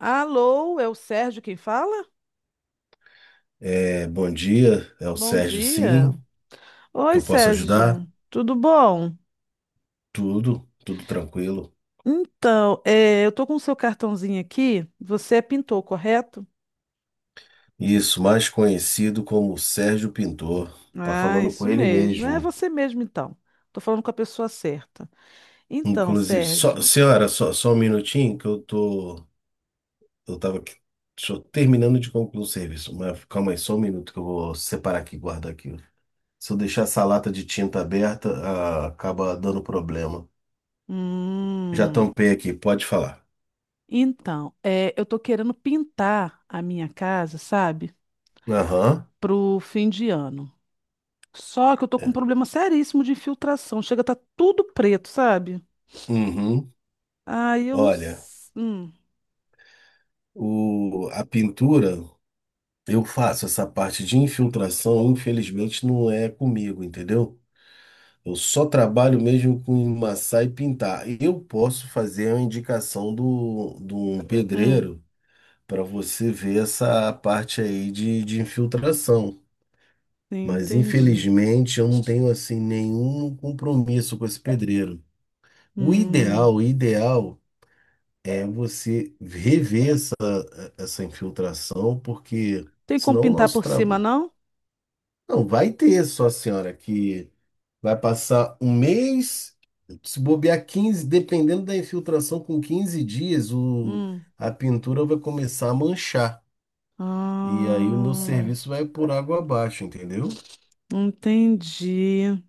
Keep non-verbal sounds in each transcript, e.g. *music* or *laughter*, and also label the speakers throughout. Speaker 1: Alô, é o Sérgio quem fala?
Speaker 2: É, bom dia, é o
Speaker 1: Bom
Speaker 2: Sérgio,
Speaker 1: dia.
Speaker 2: sim, que
Speaker 1: Oi,
Speaker 2: eu posso ajudar?
Speaker 1: Sérgio, tudo bom?
Speaker 2: Tudo, tudo tranquilo.
Speaker 1: Então, eu tô com o seu cartãozinho aqui. Você é pintor, correto?
Speaker 2: Isso, mais conhecido como Sérgio Pintor. Tá
Speaker 1: Ah,
Speaker 2: falando com
Speaker 1: isso
Speaker 2: ele
Speaker 1: mesmo. É
Speaker 2: mesmo.
Speaker 1: você mesmo, então. Tô falando com a pessoa certa. Então,
Speaker 2: Inclusive, só,
Speaker 1: Sérgio.
Speaker 2: senhora, só um minutinho que eu tava aqui, só terminando de concluir o serviço, mas calma aí, só um minuto que eu vou separar aqui e guardar aqui. Se eu deixar essa lata de tinta aberta, acaba dando problema. Já
Speaker 1: Hum.
Speaker 2: tampei aqui, pode falar.
Speaker 1: Então, eu tô querendo pintar a minha casa, sabe?
Speaker 2: Aham.
Speaker 1: Pro fim de ano. Só que eu tô com um
Speaker 2: É.
Speaker 1: problema seríssimo de infiltração. Chega, tá tudo preto, sabe?
Speaker 2: Uhum.
Speaker 1: Aí eu não.
Speaker 2: Olha.
Speaker 1: Hum,
Speaker 2: A pintura, eu faço essa parte de infiltração, infelizmente não é comigo, entendeu? Eu só trabalho mesmo com emassar e pintar. Eu posso fazer a indicação de um
Speaker 1: hum,
Speaker 2: pedreiro para você ver essa parte aí de infiltração. Mas
Speaker 1: entendi.
Speaker 2: infelizmente eu não tenho assim nenhum compromisso com esse pedreiro.
Speaker 1: Hum.
Speaker 2: O ideal é você rever essa infiltração, porque
Speaker 1: Tem como
Speaker 2: senão o
Speaker 1: pintar
Speaker 2: nosso
Speaker 1: por cima,
Speaker 2: trabalho.
Speaker 1: não?
Speaker 2: Não, vai ter só a senhora que vai passar um mês, se bobear 15, dependendo da infiltração, com 15 dias,
Speaker 1: Hum.
Speaker 2: a pintura vai começar a manchar. E aí o meu
Speaker 1: Ah,
Speaker 2: serviço vai por água abaixo, entendeu?
Speaker 1: entendi.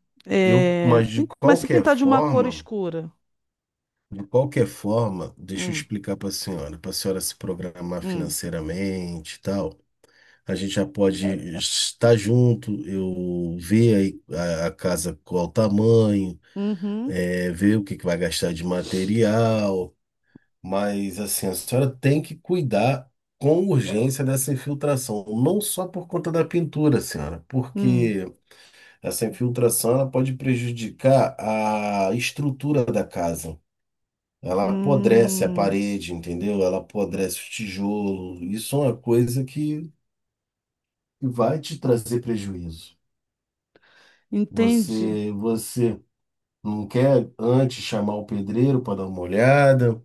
Speaker 1: É,
Speaker 2: Mas de
Speaker 1: mas se
Speaker 2: qualquer
Speaker 1: pintar de uma cor
Speaker 2: forma,
Speaker 1: escura?
Speaker 2: deixa eu
Speaker 1: Hum,
Speaker 2: explicar para a senhora, se programar
Speaker 1: hum,
Speaker 2: financeiramente e tal. A gente já pode estar junto, eu ver aí a casa qual o tamanho,
Speaker 1: uhum,
Speaker 2: ver o que que vai gastar de material, mas assim, a senhora tem que cuidar com urgência dessa infiltração, não só por conta da pintura, senhora,
Speaker 1: hum,
Speaker 2: porque essa infiltração ela pode prejudicar a estrutura da casa. Ela apodrece a
Speaker 1: hum.
Speaker 2: parede, entendeu? Ela apodrece o tijolo. Isso é uma coisa que vai te trazer prejuízo.
Speaker 1: Entende?
Speaker 2: Você não quer antes chamar o pedreiro para dar uma olhada?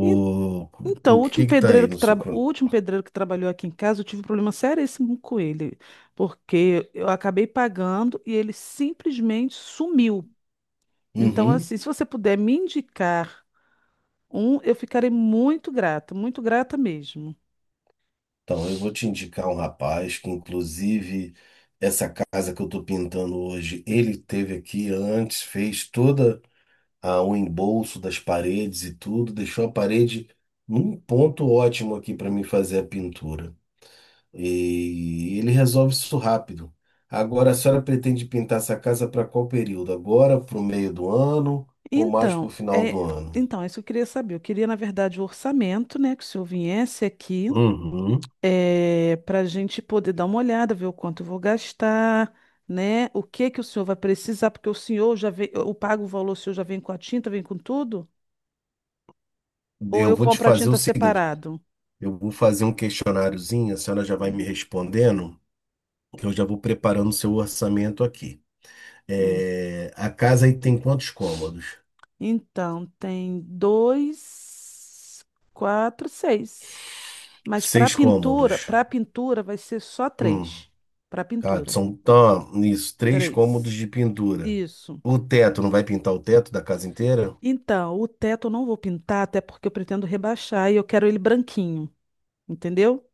Speaker 1: En- Então,
Speaker 2: o que que tá aí no seu
Speaker 1: o
Speaker 2: crono?
Speaker 1: último pedreiro que trabalhou aqui em casa, eu tive um problema seríssimo com ele, porque eu acabei pagando e ele simplesmente sumiu. Então,
Speaker 2: Uhum.
Speaker 1: assim, se você puder me indicar um, eu ficarei muito grata mesmo.
Speaker 2: Então, eu vou te indicar um rapaz que, inclusive, essa casa que eu estou pintando hoje, ele teve aqui antes, fez toda o embolso das paredes e tudo, deixou a parede num ponto ótimo aqui para mim fazer a pintura. E ele resolve isso rápido. Agora, a senhora pretende pintar essa casa para qual período? Agora, para o meio do ano ou mais para
Speaker 1: Então,
Speaker 2: o final
Speaker 1: é,
Speaker 2: do ano?
Speaker 1: então, é isso que eu queria saber. Eu queria, na verdade, o orçamento, né, que o senhor viesse aqui
Speaker 2: Uhum.
Speaker 1: para a gente poder dar uma olhada, ver o quanto eu vou gastar, né? O que que o senhor vai precisar, porque o senhor já vem, eu pago o valor, o senhor já vem com a tinta, vem com tudo? Ou
Speaker 2: Eu
Speaker 1: eu
Speaker 2: vou te
Speaker 1: compro a
Speaker 2: fazer o
Speaker 1: tinta
Speaker 2: seguinte:
Speaker 1: separado?
Speaker 2: eu vou fazer um questionáriozinho, a senhora já vai
Speaker 1: Hum,
Speaker 2: me respondendo, que eu já vou preparando o seu orçamento aqui.
Speaker 1: hum.
Speaker 2: É, a casa aí tem quantos cômodos?
Speaker 1: Então, tem dois, quatro, seis. Mas para
Speaker 2: Seis
Speaker 1: pintura,
Speaker 2: cômodos.
Speaker 1: para pintura vai ser só
Speaker 2: Hum.
Speaker 1: três. Para
Speaker 2: Ah,
Speaker 1: pintura,
Speaker 2: são tá, isso, três cômodos
Speaker 1: três.
Speaker 2: de pintura.
Speaker 1: Isso.
Speaker 2: O teto, não vai pintar o teto da casa inteira?
Speaker 1: Então, o teto eu não vou pintar, até porque eu pretendo rebaixar e eu quero ele branquinho, entendeu?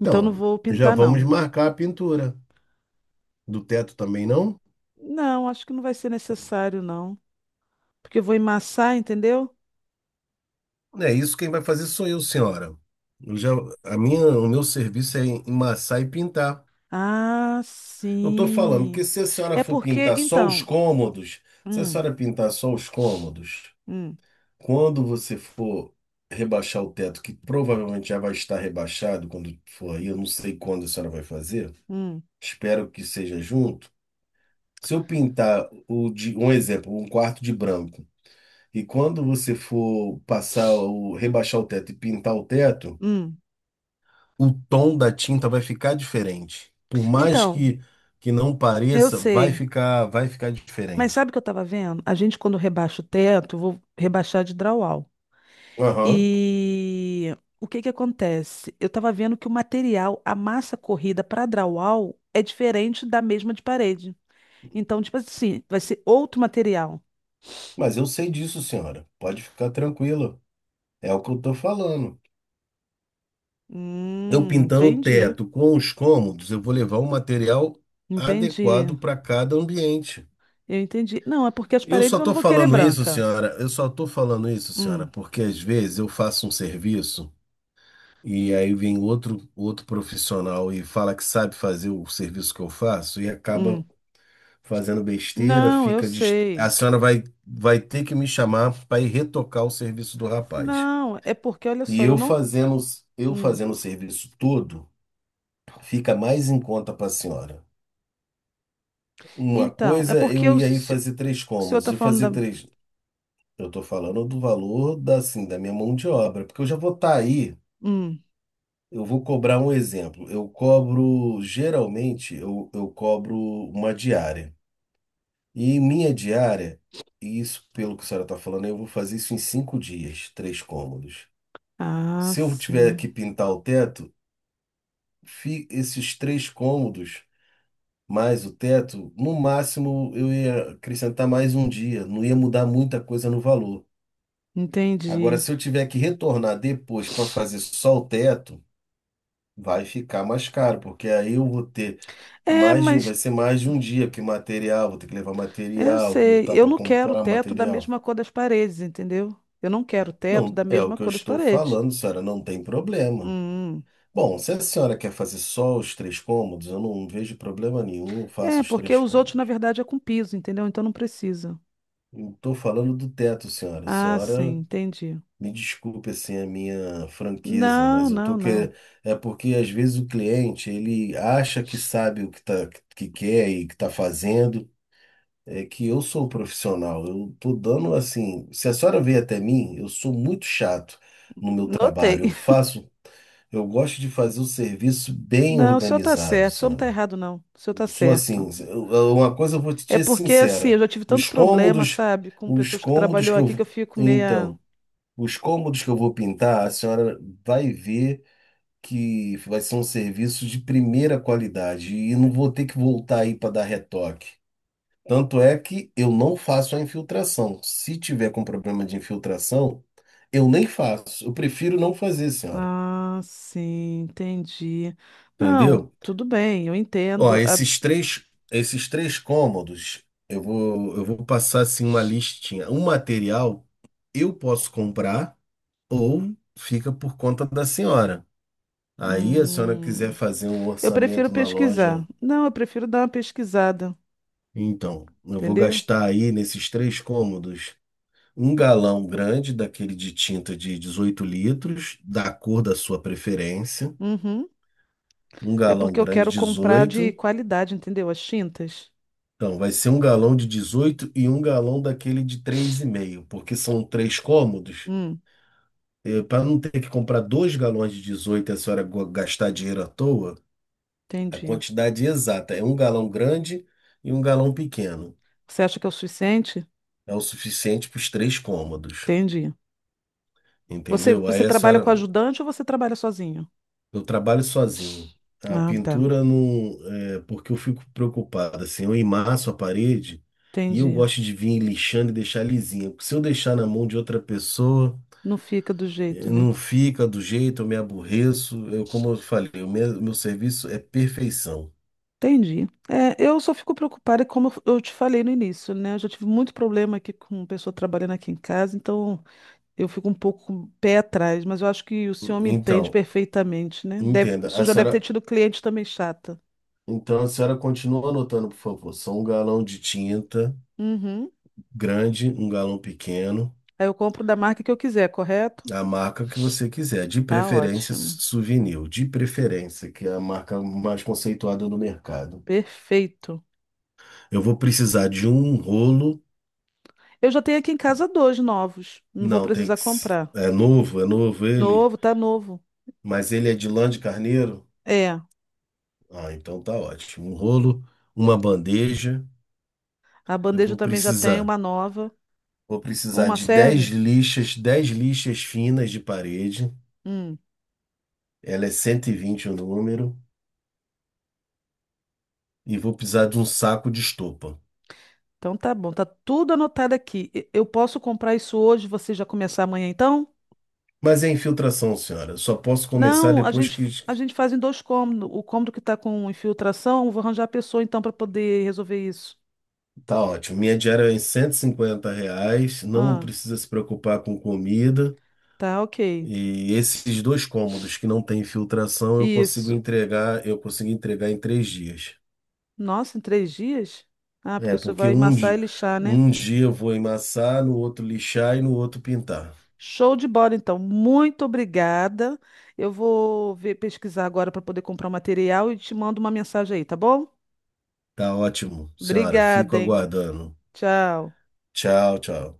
Speaker 1: Então não vou
Speaker 2: já
Speaker 1: pintar,
Speaker 2: vamos
Speaker 1: não.
Speaker 2: marcar a pintura do teto também, não?
Speaker 1: Não, acho que não vai ser necessário, não. Porque eu vou emassar, entendeu?
Speaker 2: É isso quem vai fazer sou eu, senhora. Eu já, a minha, o meu serviço é emassar e pintar.
Speaker 1: Ah,
Speaker 2: Eu tô falando
Speaker 1: sim.
Speaker 2: que se a senhora
Speaker 1: É
Speaker 2: for
Speaker 1: porque,
Speaker 2: pintar só os
Speaker 1: então.
Speaker 2: cômodos, se a
Speaker 1: Hum,
Speaker 2: senhora pintar só os cômodos,
Speaker 1: hum,
Speaker 2: quando você for rebaixar o teto, que provavelmente já vai estar rebaixado quando for aí, eu não sei quando a senhora vai fazer,
Speaker 1: hum,
Speaker 2: espero que seja junto. Se eu pintar um exemplo, um quarto de branco. E quando você for passar o rebaixar o teto e pintar o teto,
Speaker 1: hum.
Speaker 2: o tom da tinta vai ficar diferente. Por mais
Speaker 1: Então,
Speaker 2: que não
Speaker 1: eu
Speaker 2: pareça,
Speaker 1: sei.
Speaker 2: vai ficar
Speaker 1: Mas
Speaker 2: diferente.
Speaker 1: sabe o que eu estava vendo? A gente, quando rebaixa o teto, eu vou rebaixar de drywall.
Speaker 2: Aham.
Speaker 1: E o que que acontece? Eu estava vendo que o material, a massa corrida para drywall é diferente da mesma de parede. Então, tipo assim, vai ser outro material.
Speaker 2: Mas eu sei disso, senhora. Pode ficar tranquila. É o que eu tô falando. Eu pintando o
Speaker 1: Entendi,
Speaker 2: teto com os cômodos, eu vou levar um material
Speaker 1: entendi,
Speaker 2: adequado para cada ambiente.
Speaker 1: eu entendi. Não, é porque as
Speaker 2: Eu
Speaker 1: paredes
Speaker 2: só
Speaker 1: eu não
Speaker 2: tô
Speaker 1: vou querer
Speaker 2: falando isso,
Speaker 1: branca.
Speaker 2: senhora. Eu só tô falando isso, senhora,
Speaker 1: Hum,
Speaker 2: porque às vezes eu faço um serviço. E aí vem outro profissional e fala que sabe fazer o serviço que eu faço e acaba
Speaker 1: hum.
Speaker 2: fazendo besteira,
Speaker 1: Não, eu sei.
Speaker 2: a senhora vai ter que me chamar para ir retocar o serviço do rapaz.
Speaker 1: Não, é porque, olha
Speaker 2: E
Speaker 1: só, eu
Speaker 2: eu
Speaker 1: não.
Speaker 2: fazendo, eu
Speaker 1: Hum.
Speaker 2: fazendo o serviço todo, fica mais em conta para a senhora. Uma
Speaker 1: Então, é
Speaker 2: coisa,
Speaker 1: porque
Speaker 2: eu
Speaker 1: o
Speaker 2: ia aí fazer três
Speaker 1: o senhor
Speaker 2: cômodos,
Speaker 1: tá
Speaker 2: eu fazer
Speaker 1: falando da.
Speaker 2: três. Eu estou falando do valor da, assim, da minha mão de obra, porque eu já vou estar aí.
Speaker 1: Hum.
Speaker 2: Eu vou cobrar um exemplo. Eu cobro, geralmente, eu cobro uma diária. E minha diária, e isso pelo que a senhora está falando, eu vou fazer isso em 5 dias, três cômodos.
Speaker 1: Ah,
Speaker 2: Se eu tiver que
Speaker 1: sim,
Speaker 2: pintar o teto, esses três cômodos mais o teto, no máximo eu ia acrescentar mais um dia, não ia mudar muita coisa no valor. Agora,
Speaker 1: entendi.
Speaker 2: se eu tiver que retornar depois para fazer só o teto, vai ficar mais caro, porque aí eu vou ter
Speaker 1: É,
Speaker 2: mais de um, vai
Speaker 1: mas
Speaker 2: ser mais de um dia, porque material, vou ter que levar
Speaker 1: eu
Speaker 2: material,
Speaker 1: sei,
Speaker 2: voltar
Speaker 1: eu
Speaker 2: para
Speaker 1: não quero o
Speaker 2: comprar
Speaker 1: teto da
Speaker 2: material.
Speaker 1: mesma cor das paredes, entendeu? Eu não quero o teto
Speaker 2: Não,
Speaker 1: da
Speaker 2: é o
Speaker 1: mesma
Speaker 2: que eu
Speaker 1: cor das
Speaker 2: estou
Speaker 1: paredes.
Speaker 2: falando, senhora, não tem
Speaker 1: Hum.
Speaker 2: problema.
Speaker 1: Hum.
Speaker 2: Bom, se a senhora quer fazer só os três cômodos, eu não vejo problema nenhum, eu faço
Speaker 1: É,
Speaker 2: os
Speaker 1: porque
Speaker 2: três
Speaker 1: os outros, na
Speaker 2: cômodos.
Speaker 1: verdade, é com piso, entendeu? Então não precisa.
Speaker 2: Estou falando do teto, senhora.
Speaker 1: Ah, sim,
Speaker 2: Senhora,
Speaker 1: entendi.
Speaker 2: me desculpe assim a minha franqueza, mas
Speaker 1: Não,
Speaker 2: eu tô
Speaker 1: não,
Speaker 2: que
Speaker 1: não.
Speaker 2: é porque às vezes o cliente ele acha que sabe o que tá que quer e que está fazendo. É que eu sou um profissional, eu tô dando assim. Se a senhora veio até mim, eu sou muito chato no meu trabalho. Eu
Speaker 1: Notei. *laughs*
Speaker 2: faço, eu gosto de fazer o serviço bem
Speaker 1: Não, o senhor está
Speaker 2: organizado,
Speaker 1: certo, o senhor não está
Speaker 2: senhora.
Speaker 1: errado, não. O senhor está
Speaker 2: Eu sou
Speaker 1: certo.
Speaker 2: assim, uma coisa eu vou te
Speaker 1: É
Speaker 2: ser
Speaker 1: porque, assim, eu
Speaker 2: sincera.
Speaker 1: já tive tanto
Speaker 2: Os
Speaker 1: problema,
Speaker 2: cômodos,
Speaker 1: sabe, com
Speaker 2: os
Speaker 1: pessoas que
Speaker 2: cômodos
Speaker 1: trabalhou
Speaker 2: que eu,
Speaker 1: aqui que eu fico meia.
Speaker 2: então, os cômodos que eu vou pintar, a senhora vai ver que vai ser um serviço de primeira qualidade e não vou ter que voltar aí para dar retoque. Tanto é que eu não faço a infiltração. Se tiver com problema de infiltração, eu nem faço. Eu prefiro não fazer, senhora.
Speaker 1: Ah, sim, entendi. Não,
Speaker 2: Entendeu?
Speaker 1: tudo bem, eu
Speaker 2: Ó,
Speaker 1: entendo.
Speaker 2: esses três cômodos, eu vou passar assim uma listinha. Um material eu posso comprar ou fica por conta da senhora. Aí a senhora
Speaker 1: Hum.
Speaker 2: quiser fazer um
Speaker 1: Eu prefiro
Speaker 2: orçamento na loja,
Speaker 1: pesquisar. Não, eu prefiro dar uma pesquisada,
Speaker 2: então, eu vou
Speaker 1: entendeu?
Speaker 2: gastar aí nesses três cômodos: um galão grande daquele de tinta de 18 litros, da cor da sua preferência.
Speaker 1: Uhum.
Speaker 2: Um
Speaker 1: É
Speaker 2: galão
Speaker 1: porque eu
Speaker 2: grande,
Speaker 1: quero comprar de
Speaker 2: 18.
Speaker 1: qualidade, entendeu? As tintas.
Speaker 2: Então, vai ser um galão de 18 e um galão daquele de 3,5 porque são três cômodos.
Speaker 1: Hum,
Speaker 2: Para não ter que comprar dois galões de 18 e a senhora gastar dinheiro à toa, a
Speaker 1: entendi.
Speaker 2: quantidade exata é um galão grande e um galão pequeno.
Speaker 1: Você acha que é o suficiente?
Speaker 2: É o suficiente para os três cômodos,
Speaker 1: Entendi. Você,
Speaker 2: entendeu?
Speaker 1: você
Speaker 2: Aí a
Speaker 1: trabalha
Speaker 2: senhora.
Speaker 1: com ajudante ou você trabalha sozinho?
Speaker 2: Eu trabalho sozinho. A
Speaker 1: Ah, tá.
Speaker 2: pintura não, é, porque eu fico preocupado, assim, eu emasso a parede e eu
Speaker 1: Entendi.
Speaker 2: gosto de vir lixando e deixar lisinha. Porque se eu deixar na mão de outra pessoa,
Speaker 1: Não fica do jeito, né?
Speaker 2: não fica do jeito, eu me aborreço. Eu, como eu falei, meu serviço é perfeição.
Speaker 1: Entendi. É, eu só fico preocupada, como eu te falei no início, né? Eu já tive muito problema aqui com pessoa trabalhando aqui em casa, então eu fico um pouco com o pé atrás, mas eu acho que o senhor me entende
Speaker 2: Então,
Speaker 1: perfeitamente, né? Deve, o
Speaker 2: entenda, a
Speaker 1: senhor já deve ter
Speaker 2: senhora,
Speaker 1: tido cliente também chata.
Speaker 2: então a senhora continua anotando, por favor. São um galão de tinta
Speaker 1: Uhum.
Speaker 2: grande, um galão pequeno.
Speaker 1: Aí eu compro da marca que eu quiser, correto?
Speaker 2: A marca que você quiser, de
Speaker 1: Tá
Speaker 2: preferência
Speaker 1: ótimo.
Speaker 2: souvenir, de preferência, que é a marca mais conceituada no mercado.
Speaker 1: Perfeito.
Speaker 2: Eu vou precisar de um rolo,
Speaker 1: Eu já tenho aqui em casa dois novos. Não vou
Speaker 2: não, tem
Speaker 1: precisar
Speaker 2: que,
Speaker 1: comprar.
Speaker 2: é novo ele,
Speaker 1: Novo, tá novo.
Speaker 2: mas ele é de lã de carneiro.
Speaker 1: É,
Speaker 2: Ah, então tá ótimo. Um rolo, uma bandeja,
Speaker 1: a
Speaker 2: eu
Speaker 1: bandeja eu
Speaker 2: vou
Speaker 1: também já tem
Speaker 2: precisar.
Speaker 1: uma nova.
Speaker 2: Vou precisar
Speaker 1: Uma
Speaker 2: de
Speaker 1: serve?
Speaker 2: 10 lixas finas de parede.
Speaker 1: Hum,
Speaker 2: Ela é 120 o número e vou precisar de um saco de estopa.
Speaker 1: então tá bom, tá tudo anotado aqui. Eu posso comprar isso hoje, você já começar amanhã então?
Speaker 2: Mas é infiltração, senhora. Só posso começar
Speaker 1: Não, a
Speaker 2: depois
Speaker 1: gente
Speaker 2: que
Speaker 1: a gente faz em dois cômodos. O cômodo que tá com infiltração, eu vou arranjar a pessoa então para poder resolver isso.
Speaker 2: tá ótimo. Minha diária é em R$ 150, não
Speaker 1: Ah,
Speaker 2: precisa se preocupar com comida.
Speaker 1: tá, ok.
Speaker 2: E esses dois cômodos que não tem infiltração,
Speaker 1: Isso.
Speaker 2: eu consigo entregar em 3 dias.
Speaker 1: Nossa, em 3 dias? Ah, porque
Speaker 2: É,
Speaker 1: você
Speaker 2: porque
Speaker 1: vai
Speaker 2: um,
Speaker 1: massar e lixar, né?
Speaker 2: um dia eu vou emassar, no outro lixar e no outro pintar.
Speaker 1: Show de bola, então. Muito obrigada. Eu vou ver, pesquisar agora para poder comprar o material e te mando uma mensagem aí, tá bom?
Speaker 2: Tá ótimo, senhora. Fico
Speaker 1: Obrigada, hein?
Speaker 2: aguardando.
Speaker 1: Tchau.
Speaker 2: Tchau, tchau.